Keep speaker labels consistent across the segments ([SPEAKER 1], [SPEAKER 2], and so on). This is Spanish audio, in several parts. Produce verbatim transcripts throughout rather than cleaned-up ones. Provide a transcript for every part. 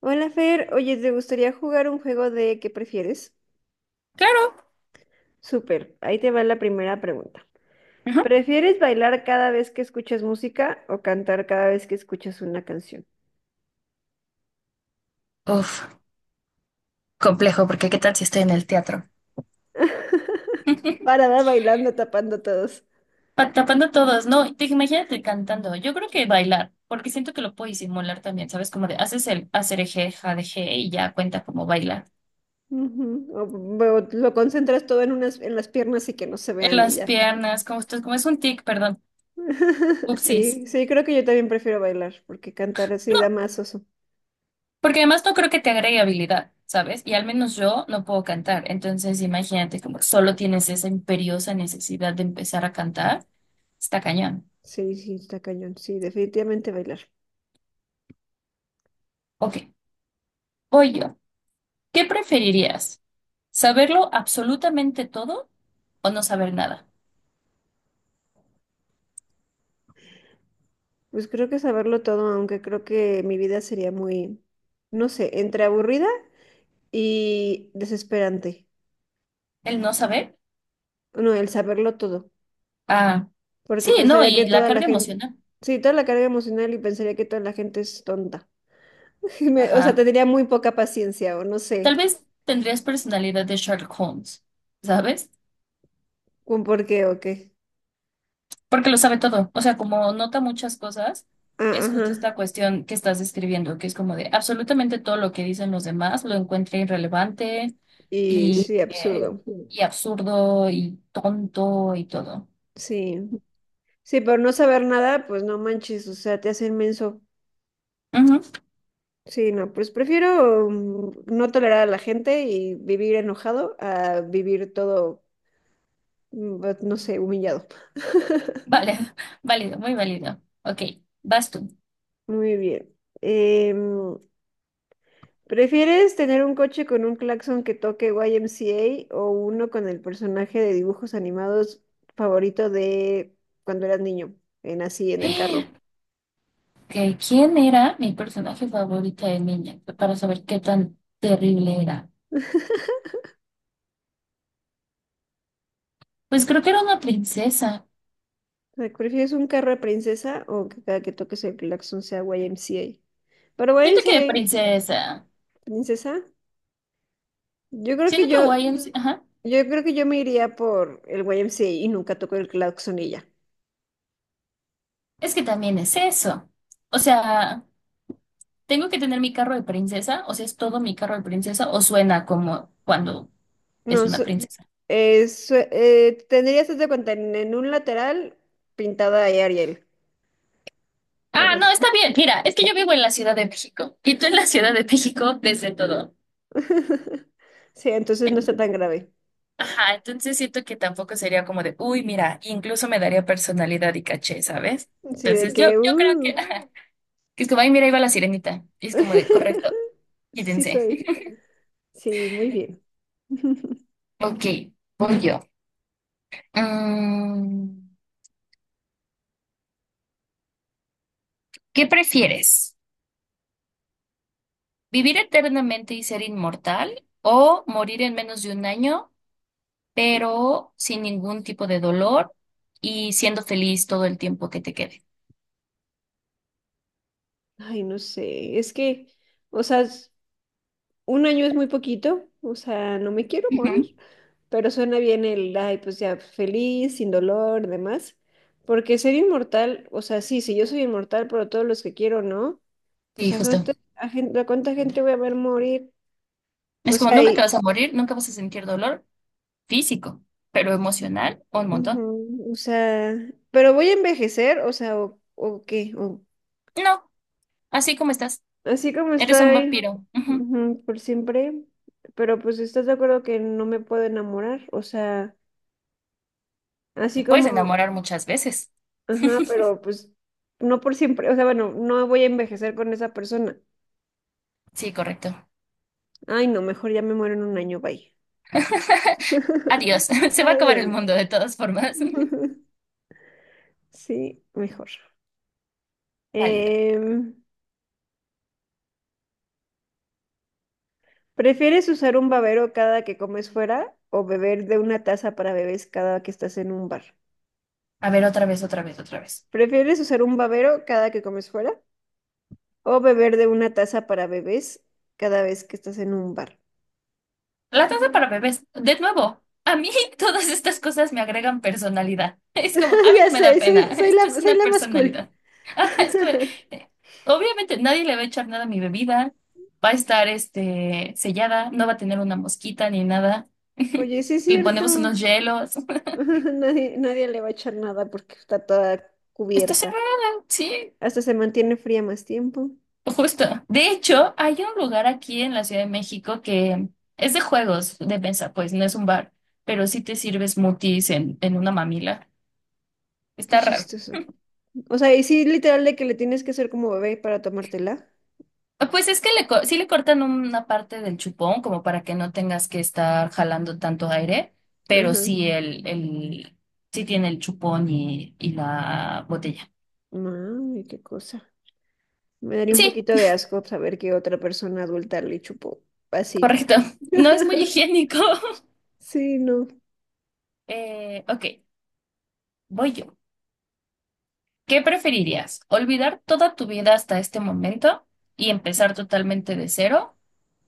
[SPEAKER 1] Hola Fer, oye, ¿te gustaría jugar un juego de qué prefieres?
[SPEAKER 2] Claro.
[SPEAKER 1] Súper, ahí te va la primera pregunta.
[SPEAKER 2] Ajá.
[SPEAKER 1] ¿Prefieres bailar cada vez que escuchas música o cantar cada vez que escuchas una canción?
[SPEAKER 2] Uf, Complejo, porque ¿qué tal si estoy en el teatro?
[SPEAKER 1] Para dar bailando, tapando todos.
[SPEAKER 2] Pa- Tapando todos, no, te, imagínate cantando. Yo creo que bailar, porque siento que lo puedo disimular también, ¿sabes? Como de haces el hacer eje, jadeje y ya cuenta como bailar.
[SPEAKER 1] Ujú. O, o lo concentras todo en unas, en las piernas y que no se
[SPEAKER 2] En
[SPEAKER 1] vean y
[SPEAKER 2] las
[SPEAKER 1] ya.
[SPEAKER 2] piernas, como esto, como es un tic, perdón. Upsis.
[SPEAKER 1] Sí, sí, creo que yo también prefiero bailar, porque cantar así da
[SPEAKER 2] No,
[SPEAKER 1] más oso.
[SPEAKER 2] porque además no creo que te agregue habilidad, ¿sabes? Y al menos yo no puedo cantar. Entonces, imagínate como solo tienes esa imperiosa necesidad de empezar a cantar. Está cañón.
[SPEAKER 1] Sí, sí, está cañón. Sí, definitivamente bailar.
[SPEAKER 2] Ok, voy yo. ¿Qué preferirías? ¿Saberlo absolutamente todo o no saber nada?
[SPEAKER 1] Pues creo que saberlo todo, aunque creo que mi vida sería muy, no sé, entre aburrida y desesperante.
[SPEAKER 2] El no saber.
[SPEAKER 1] No, el saberlo todo,
[SPEAKER 2] Ah,
[SPEAKER 1] porque
[SPEAKER 2] sí, no,
[SPEAKER 1] pensaría que
[SPEAKER 2] y la
[SPEAKER 1] toda la
[SPEAKER 2] carga
[SPEAKER 1] gente,
[SPEAKER 2] emocional.
[SPEAKER 1] sí, toda la carga emocional y pensaría que toda la gente es tonta. Y Me- o sea,
[SPEAKER 2] Ajá.
[SPEAKER 1] tendría muy poca paciencia o no
[SPEAKER 2] Tal
[SPEAKER 1] sé,
[SPEAKER 2] vez tendrías personalidad de Sherlock Holmes, ¿sabes?
[SPEAKER 1] con por qué o qué.
[SPEAKER 2] Porque lo sabe todo. O sea, como nota muchas cosas,
[SPEAKER 1] Ah,
[SPEAKER 2] es
[SPEAKER 1] ajá.
[SPEAKER 2] justo esta cuestión que estás describiendo, que es como de absolutamente todo lo que dicen los demás lo encuentra irrelevante
[SPEAKER 1] Y
[SPEAKER 2] y,
[SPEAKER 1] sí,
[SPEAKER 2] eh,
[SPEAKER 1] absurdo.
[SPEAKER 2] y absurdo y tonto y todo.
[SPEAKER 1] Sí. Sí, por no saber nada, pues no manches, o sea, te hace inmenso.
[SPEAKER 2] Ujú.
[SPEAKER 1] Sí, no, pues prefiero mm, no tolerar a la gente y vivir enojado a vivir todo, mm, but- no sé, humillado.
[SPEAKER 2] Vale, válido, muy válido. Ok, vas tú.
[SPEAKER 1] Muy bien. Em, ¿Prefieres tener un coche con un claxon que toque Y M C A o uno con el personaje de dibujos animados favorito de cuando eras niño, en así,
[SPEAKER 2] Ok,
[SPEAKER 1] en el carro?
[SPEAKER 2] ¿quién era mi personaje favorita de niña? Para saber qué tan terrible era. Pues creo que era una princesa.
[SPEAKER 1] O sea, ¿prefieres un carro de princesa o que cada que toques el claxon sea Y M C A? Pero
[SPEAKER 2] Siento que princesa.
[SPEAKER 1] Y M C A, princesa, yo creo que
[SPEAKER 2] Siento que
[SPEAKER 1] yo
[SPEAKER 2] Hawaiian... Ajá.
[SPEAKER 1] yo creo que yo me iría por el Y M C A y nunca toco el claxon y ya.
[SPEAKER 2] Es que también es eso. O sea, tengo que tener mi carro de princesa. O sea, es todo mi carro de princesa. O suena como cuando es
[SPEAKER 1] No,
[SPEAKER 2] una
[SPEAKER 1] sé.
[SPEAKER 2] princesa.
[SPEAKER 1] Eh, su- eh, tendrías haz de cuenta en, en un lateral pintada ahí Ariel. o
[SPEAKER 2] Ah, no,
[SPEAKER 1] los-
[SPEAKER 2] está bien. Mira, es que yo vivo en la Ciudad de México. Y tú en la Ciudad de México desde todo.
[SPEAKER 1] Sí, entonces no está tan grave.
[SPEAKER 2] Ajá, entonces siento que tampoco sería como de, uy, mira, incluso me daría personalidad y caché, ¿sabes?
[SPEAKER 1] Sí, de
[SPEAKER 2] Entonces yo,
[SPEAKER 1] que,
[SPEAKER 2] yo creo que,
[SPEAKER 1] uh.
[SPEAKER 2] ajá, que es como, ay, mira, ahí va la sirenita. Y es como de, correcto,
[SPEAKER 1] Sí
[SPEAKER 2] quítense.
[SPEAKER 1] soy. Sí, muy bien.
[SPEAKER 2] Ok, voy yo. Mm, ¿qué prefieres? ¿Vivir eternamente y ser inmortal o morir en menos de un año, pero sin ningún tipo de dolor y siendo feliz todo el tiempo que te quede?
[SPEAKER 1] Ay, no sé, es que, o sea, s- un año es muy poquito, o sea, no me quiero morir.
[SPEAKER 2] Ujú.
[SPEAKER 1] Pero suena bien el, ay, pues ya, feliz, sin dolor, demás. Porque ser inmortal, o sea, sí, sí, yo soy inmortal, pero todos los que quiero, ¿no? Pues
[SPEAKER 2] Sí,
[SPEAKER 1] a
[SPEAKER 2] justo.
[SPEAKER 1] gente, a gente- ¿a cuánta gente voy a ver morir? O
[SPEAKER 2] Es como,
[SPEAKER 1] sea,
[SPEAKER 2] nunca te vas
[SPEAKER 1] y,
[SPEAKER 2] a morir, nunca vas a sentir dolor físico, pero emocional, un montón.
[SPEAKER 1] ujú, o sea, pero voy a envejecer, o sea, o, o qué, o-
[SPEAKER 2] No, así como estás.
[SPEAKER 1] así como
[SPEAKER 2] Eres un
[SPEAKER 1] estoy,
[SPEAKER 2] vampiro. Ujú.
[SPEAKER 1] ujú, por siempre, pero pues estás de acuerdo que no me puedo enamorar, o sea,
[SPEAKER 2] Te
[SPEAKER 1] así
[SPEAKER 2] puedes
[SPEAKER 1] como,
[SPEAKER 2] enamorar muchas veces.
[SPEAKER 1] ajá, pero pues no por siempre, o sea, bueno, no voy a envejecer con esa persona.
[SPEAKER 2] Sí, correcto.
[SPEAKER 1] Ay, no, mejor ya me muero en un año, bye.
[SPEAKER 2] Adiós. Se va a acabar el
[SPEAKER 1] Adiós.
[SPEAKER 2] mundo de todas formas.
[SPEAKER 1] Sí, mejor.
[SPEAKER 2] Válido.
[SPEAKER 1] Em, ¿Prefieres usar un babero cada que comes fuera o beber de una taza para bebés cada que estás en un bar?
[SPEAKER 2] A ver, otra vez, otra vez, otra vez.
[SPEAKER 1] ¿Prefieres usar un babero cada que comes fuera o beber de una taza para bebés cada vez que estás en un bar?
[SPEAKER 2] La taza para bebés, de nuevo, a mí todas estas cosas me agregan personalidad. Es como, a mí
[SPEAKER 1] Ya
[SPEAKER 2] no me da
[SPEAKER 1] sé,
[SPEAKER 2] pena,
[SPEAKER 1] soy, soy
[SPEAKER 2] esto es
[SPEAKER 1] la, soy
[SPEAKER 2] una
[SPEAKER 1] la más cool.
[SPEAKER 2] personalidad. Ajá, es como, eh, obviamente nadie le va a echar nada a mi bebida, va a estar este, sellada, no va a tener una mosquita ni nada.
[SPEAKER 1] Oye, sí es
[SPEAKER 2] Le ponemos
[SPEAKER 1] cierto.
[SPEAKER 2] unos hielos.
[SPEAKER 1] Nadie, nadie le va a echar nada porque está toda
[SPEAKER 2] Está
[SPEAKER 1] cubierta.
[SPEAKER 2] cerrada, sí,
[SPEAKER 1] Hasta se mantiene fría más tiempo.
[SPEAKER 2] justo. De hecho, hay un lugar aquí en la Ciudad de México que es de juegos de mesa, pues no es un bar, pero sí te sirves smoothies en, en una mamila.
[SPEAKER 1] Qué
[SPEAKER 2] Está raro.
[SPEAKER 1] chistoso. O sea, y sí, literal de que le tienes que hacer como bebé para tomártela.
[SPEAKER 2] Ah, pues es que le, co- sí le cortan una parte del chupón como para que no tengas que estar jalando tanto aire, pero
[SPEAKER 1] Ajá.
[SPEAKER 2] sí el, el sí tiene el chupón y, y la botella.
[SPEAKER 1] Mami, qué cosa. Me daría un
[SPEAKER 2] Sí,
[SPEAKER 1] poquito de asco saber que otra persona adulta le chupó así.
[SPEAKER 2] correcto. No es muy higiénico.
[SPEAKER 1] Sí, no.
[SPEAKER 2] Eh, ok, voy yo. ¿Qué preferirías? ¿Olvidar toda tu vida hasta este momento y empezar totalmente de cero?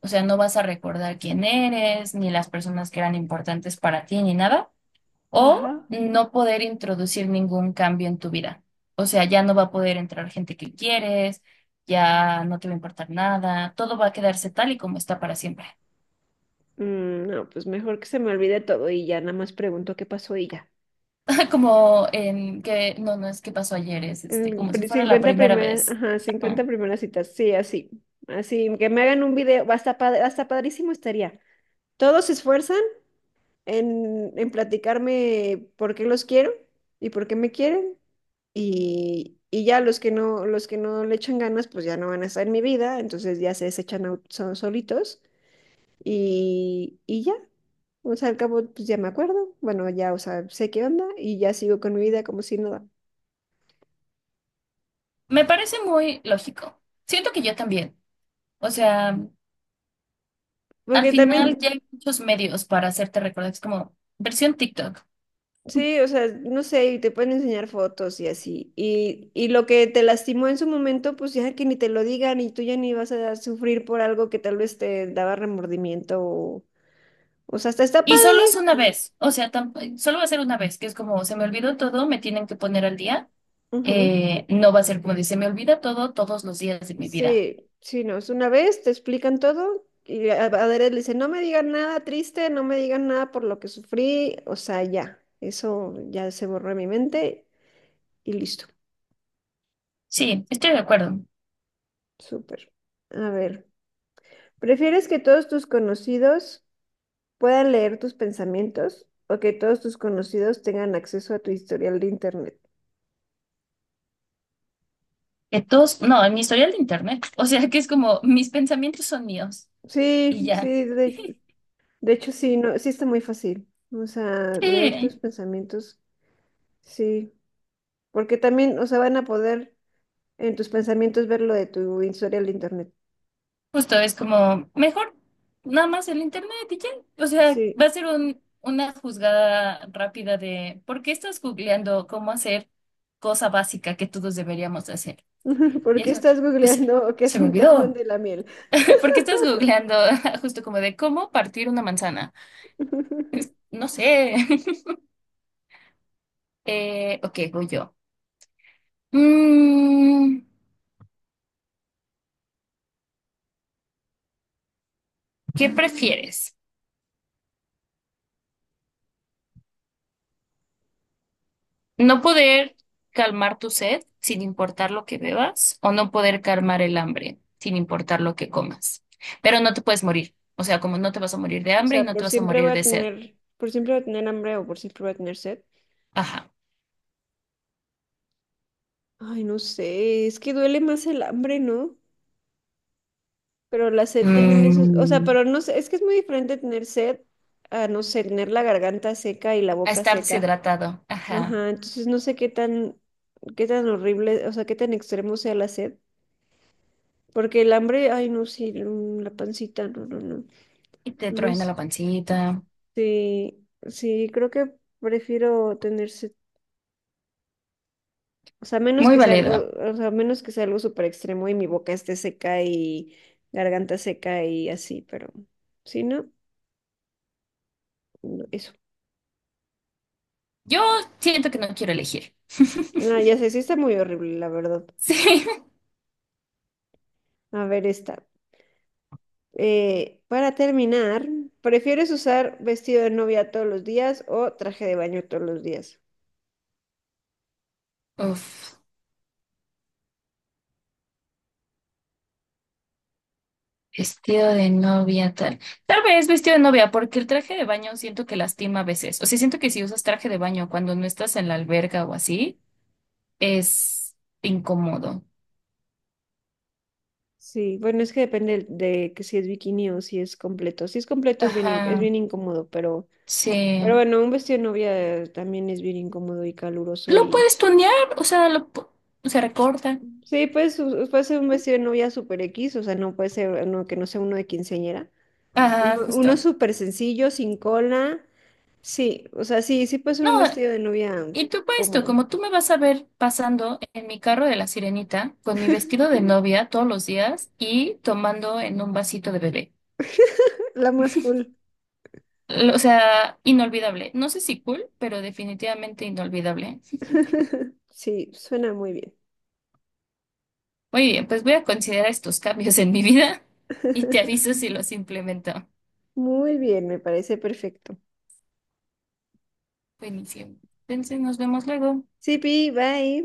[SPEAKER 2] O sea, no vas a recordar quién eres, ni las personas que eran importantes para ti, ni nada. ¿O
[SPEAKER 1] Ajá.
[SPEAKER 2] no poder introducir ningún cambio en tu vida? O sea, ya no va a poder entrar gente que quieres, ya no te va a importar nada, todo va a quedarse tal y como está para siempre.
[SPEAKER 1] Mm, no, pues mejor que se me olvide todo y ya nada más pregunto qué pasó y ya.
[SPEAKER 2] Como en que, no, no es que pasó ayer, es este,
[SPEAKER 1] El
[SPEAKER 2] como si
[SPEAKER 1] pri-
[SPEAKER 2] fuera la
[SPEAKER 1] cincuenta
[SPEAKER 2] primera
[SPEAKER 1] primeras,
[SPEAKER 2] vez.
[SPEAKER 1] ajá, cincuenta
[SPEAKER 2] Ajá.
[SPEAKER 1] primeras citas, sí, así, así, que me hagan un video, hasta, pa- hasta padrísimo estaría. Todos se esfuerzan en, en platicarme por qué los quiero y por qué me quieren y, y ya los que no, los que no le echan ganas, pues ya no van a estar en mi vida, entonces ya se desechan au- so- solitos y, y ya, o sea, al cabo, pues ya me acuerdo, bueno, ya, o sea, sé qué onda y ya sigo con mi vida como si nada.
[SPEAKER 2] Me parece muy lógico. Siento que yo también. O sea, al
[SPEAKER 1] Porque
[SPEAKER 2] final
[SPEAKER 1] también,
[SPEAKER 2] ya hay muchos medios para hacerte recordar. Es como versión TikTok.
[SPEAKER 1] sí, o sea, no sé, y te pueden enseñar fotos y así. Y, y lo que te lastimó en su momento, pues ya que ni te lo digan y tú ya ni vas a sufrir por algo que tal vez te daba remordimiento o, o sea, hasta está
[SPEAKER 2] Y
[SPEAKER 1] padre.
[SPEAKER 2] solo es una vez. O sea, tamp- solo va a ser una vez, que es como se me olvidó todo, me tienen que poner al día.
[SPEAKER 1] Ujú.
[SPEAKER 2] Eh, no va a ser como dice, me olvida todo todos los días de mi vida.
[SPEAKER 1] Sí, sí, no, es una vez, te explican todo y a Adrián le dice, no me digan nada triste, no me digan nada por lo que sufrí, o sea, ya, eso ya se borró de mi mente y listo,
[SPEAKER 2] Sí, estoy de acuerdo.
[SPEAKER 1] súper. A ver, ¿prefieres que todos tus conocidos puedan leer tus pensamientos o que todos tus conocidos tengan acceso a tu historial de internet?
[SPEAKER 2] Que todos, no, en mi historial de internet. O sea, que es como, mis pensamientos son míos y
[SPEAKER 1] Sí,
[SPEAKER 2] ya.
[SPEAKER 1] sí, de, de hecho sí, no, sí está muy fácil. O sea, leer tus
[SPEAKER 2] Sí,
[SPEAKER 1] pensamientos, sí, porque también, o sea, van a poder en tus pensamientos ver lo de tu historial de internet.
[SPEAKER 2] justo es como, mejor nada más el internet y ya. O sea, va
[SPEAKER 1] Sí.
[SPEAKER 2] a ser un, una juzgada rápida de, ¿por qué estás googleando cómo hacer cosa básica que todos deberíamos de hacer? Y
[SPEAKER 1] ¿Por qué
[SPEAKER 2] eso,
[SPEAKER 1] estás
[SPEAKER 2] pues,
[SPEAKER 1] googleando que
[SPEAKER 2] se
[SPEAKER 1] es
[SPEAKER 2] me
[SPEAKER 1] un tejón
[SPEAKER 2] olvidó.
[SPEAKER 1] de la miel?
[SPEAKER 2] ¿Por qué estás googleando justo como de cómo partir una manzana? No sé. Eh, ok, voy yo. Mm, ¿qué prefieres? ¿No poder calmar tu sed sin importar lo que bebas o no poder calmar el hambre sin importar lo que comas? Pero no te puedes morir. O sea, como no te vas a morir de
[SPEAKER 1] O
[SPEAKER 2] hambre y
[SPEAKER 1] sea,
[SPEAKER 2] no
[SPEAKER 1] por
[SPEAKER 2] te vas a
[SPEAKER 1] siempre voy
[SPEAKER 2] morir
[SPEAKER 1] a
[SPEAKER 2] de sed.
[SPEAKER 1] tener, por siempre voy a tener hambre o por siempre voy a tener sed.
[SPEAKER 2] Ajá.
[SPEAKER 1] Ay, no sé, es que duele más el hambre, ¿no? Pero la sed también es, o sea,
[SPEAKER 2] Mm,
[SPEAKER 1] pero no sé, es que es muy diferente tener sed a, no sé, tener la garganta seca y la
[SPEAKER 2] a
[SPEAKER 1] boca
[SPEAKER 2] estar
[SPEAKER 1] seca.
[SPEAKER 2] deshidratado. Ajá.
[SPEAKER 1] Ajá, entonces no sé qué tan, qué tan, horrible, o sea, qué tan extremo sea la sed. Porque el hambre, ay, no, sí, mm, la pancita, no, no, no,
[SPEAKER 2] Y te
[SPEAKER 1] no
[SPEAKER 2] truena la
[SPEAKER 1] sé.
[SPEAKER 2] pancita.
[SPEAKER 1] Sí, sí, creo que prefiero tener sed. O sea, menos
[SPEAKER 2] Muy
[SPEAKER 1] que sea algo,
[SPEAKER 2] válido.
[SPEAKER 1] o sea, menos que sea algo súper extremo y mi boca esté seca y garganta seca y así, pero si no, no, eso.
[SPEAKER 2] Yo siento que no quiero elegir.
[SPEAKER 1] No, ya sé, sí está muy horrible, la verdad.
[SPEAKER 2] Sí.
[SPEAKER 1] A ver, esta. Eh, para terminar, ¿prefieres usar vestido de novia todos los días o traje de baño todos los días?
[SPEAKER 2] Uf. Vestido de novia, tal. Tal vez vestido de novia, porque el traje de baño siento que lastima a veces. O sea, siento que si usas traje de baño cuando no estás en la alberga o así, es incómodo.
[SPEAKER 1] Sí, bueno, es que depende de que si es bikini o si es completo. Si es completo es bien, in- es
[SPEAKER 2] Ajá,
[SPEAKER 1] bien incómodo, pero, pero,
[SPEAKER 2] sí.
[SPEAKER 1] bueno, un vestido de novia eh, también es bien incómodo y caluroso
[SPEAKER 2] Lo
[SPEAKER 1] y...
[SPEAKER 2] puedes tunear, o sea, lo pu- se recorta.
[SPEAKER 1] Sí, pues u- puede ser un vestido de novia super X, o sea, no puede ser uno que no sea uno de quinceañera.
[SPEAKER 2] Ajá,
[SPEAKER 1] Uno, uno
[SPEAKER 2] justo.
[SPEAKER 1] súper sencillo, sin cola. Sí, o sea, sí, sí puede ser un
[SPEAKER 2] No,
[SPEAKER 1] vestido de novia
[SPEAKER 2] y tú para esto,
[SPEAKER 1] cómodo.
[SPEAKER 2] como tú me vas a ver pasando en mi carro de la sirenita, con mi vestido de novia todos los días y tomando en un vasito de bebé.
[SPEAKER 1] La más cool.
[SPEAKER 2] L- O sea, inolvidable. No sé si cool, pero definitivamente inolvidable.
[SPEAKER 1] Sí, suena muy bien.
[SPEAKER 2] Muy bien, pues voy a considerar estos cambios en mi vida y te aviso si los implemento.
[SPEAKER 1] Muy bien, me parece perfecto.
[SPEAKER 2] Buenísimo. Entonces nos vemos luego.
[SPEAKER 1] Sí, Pi, bye.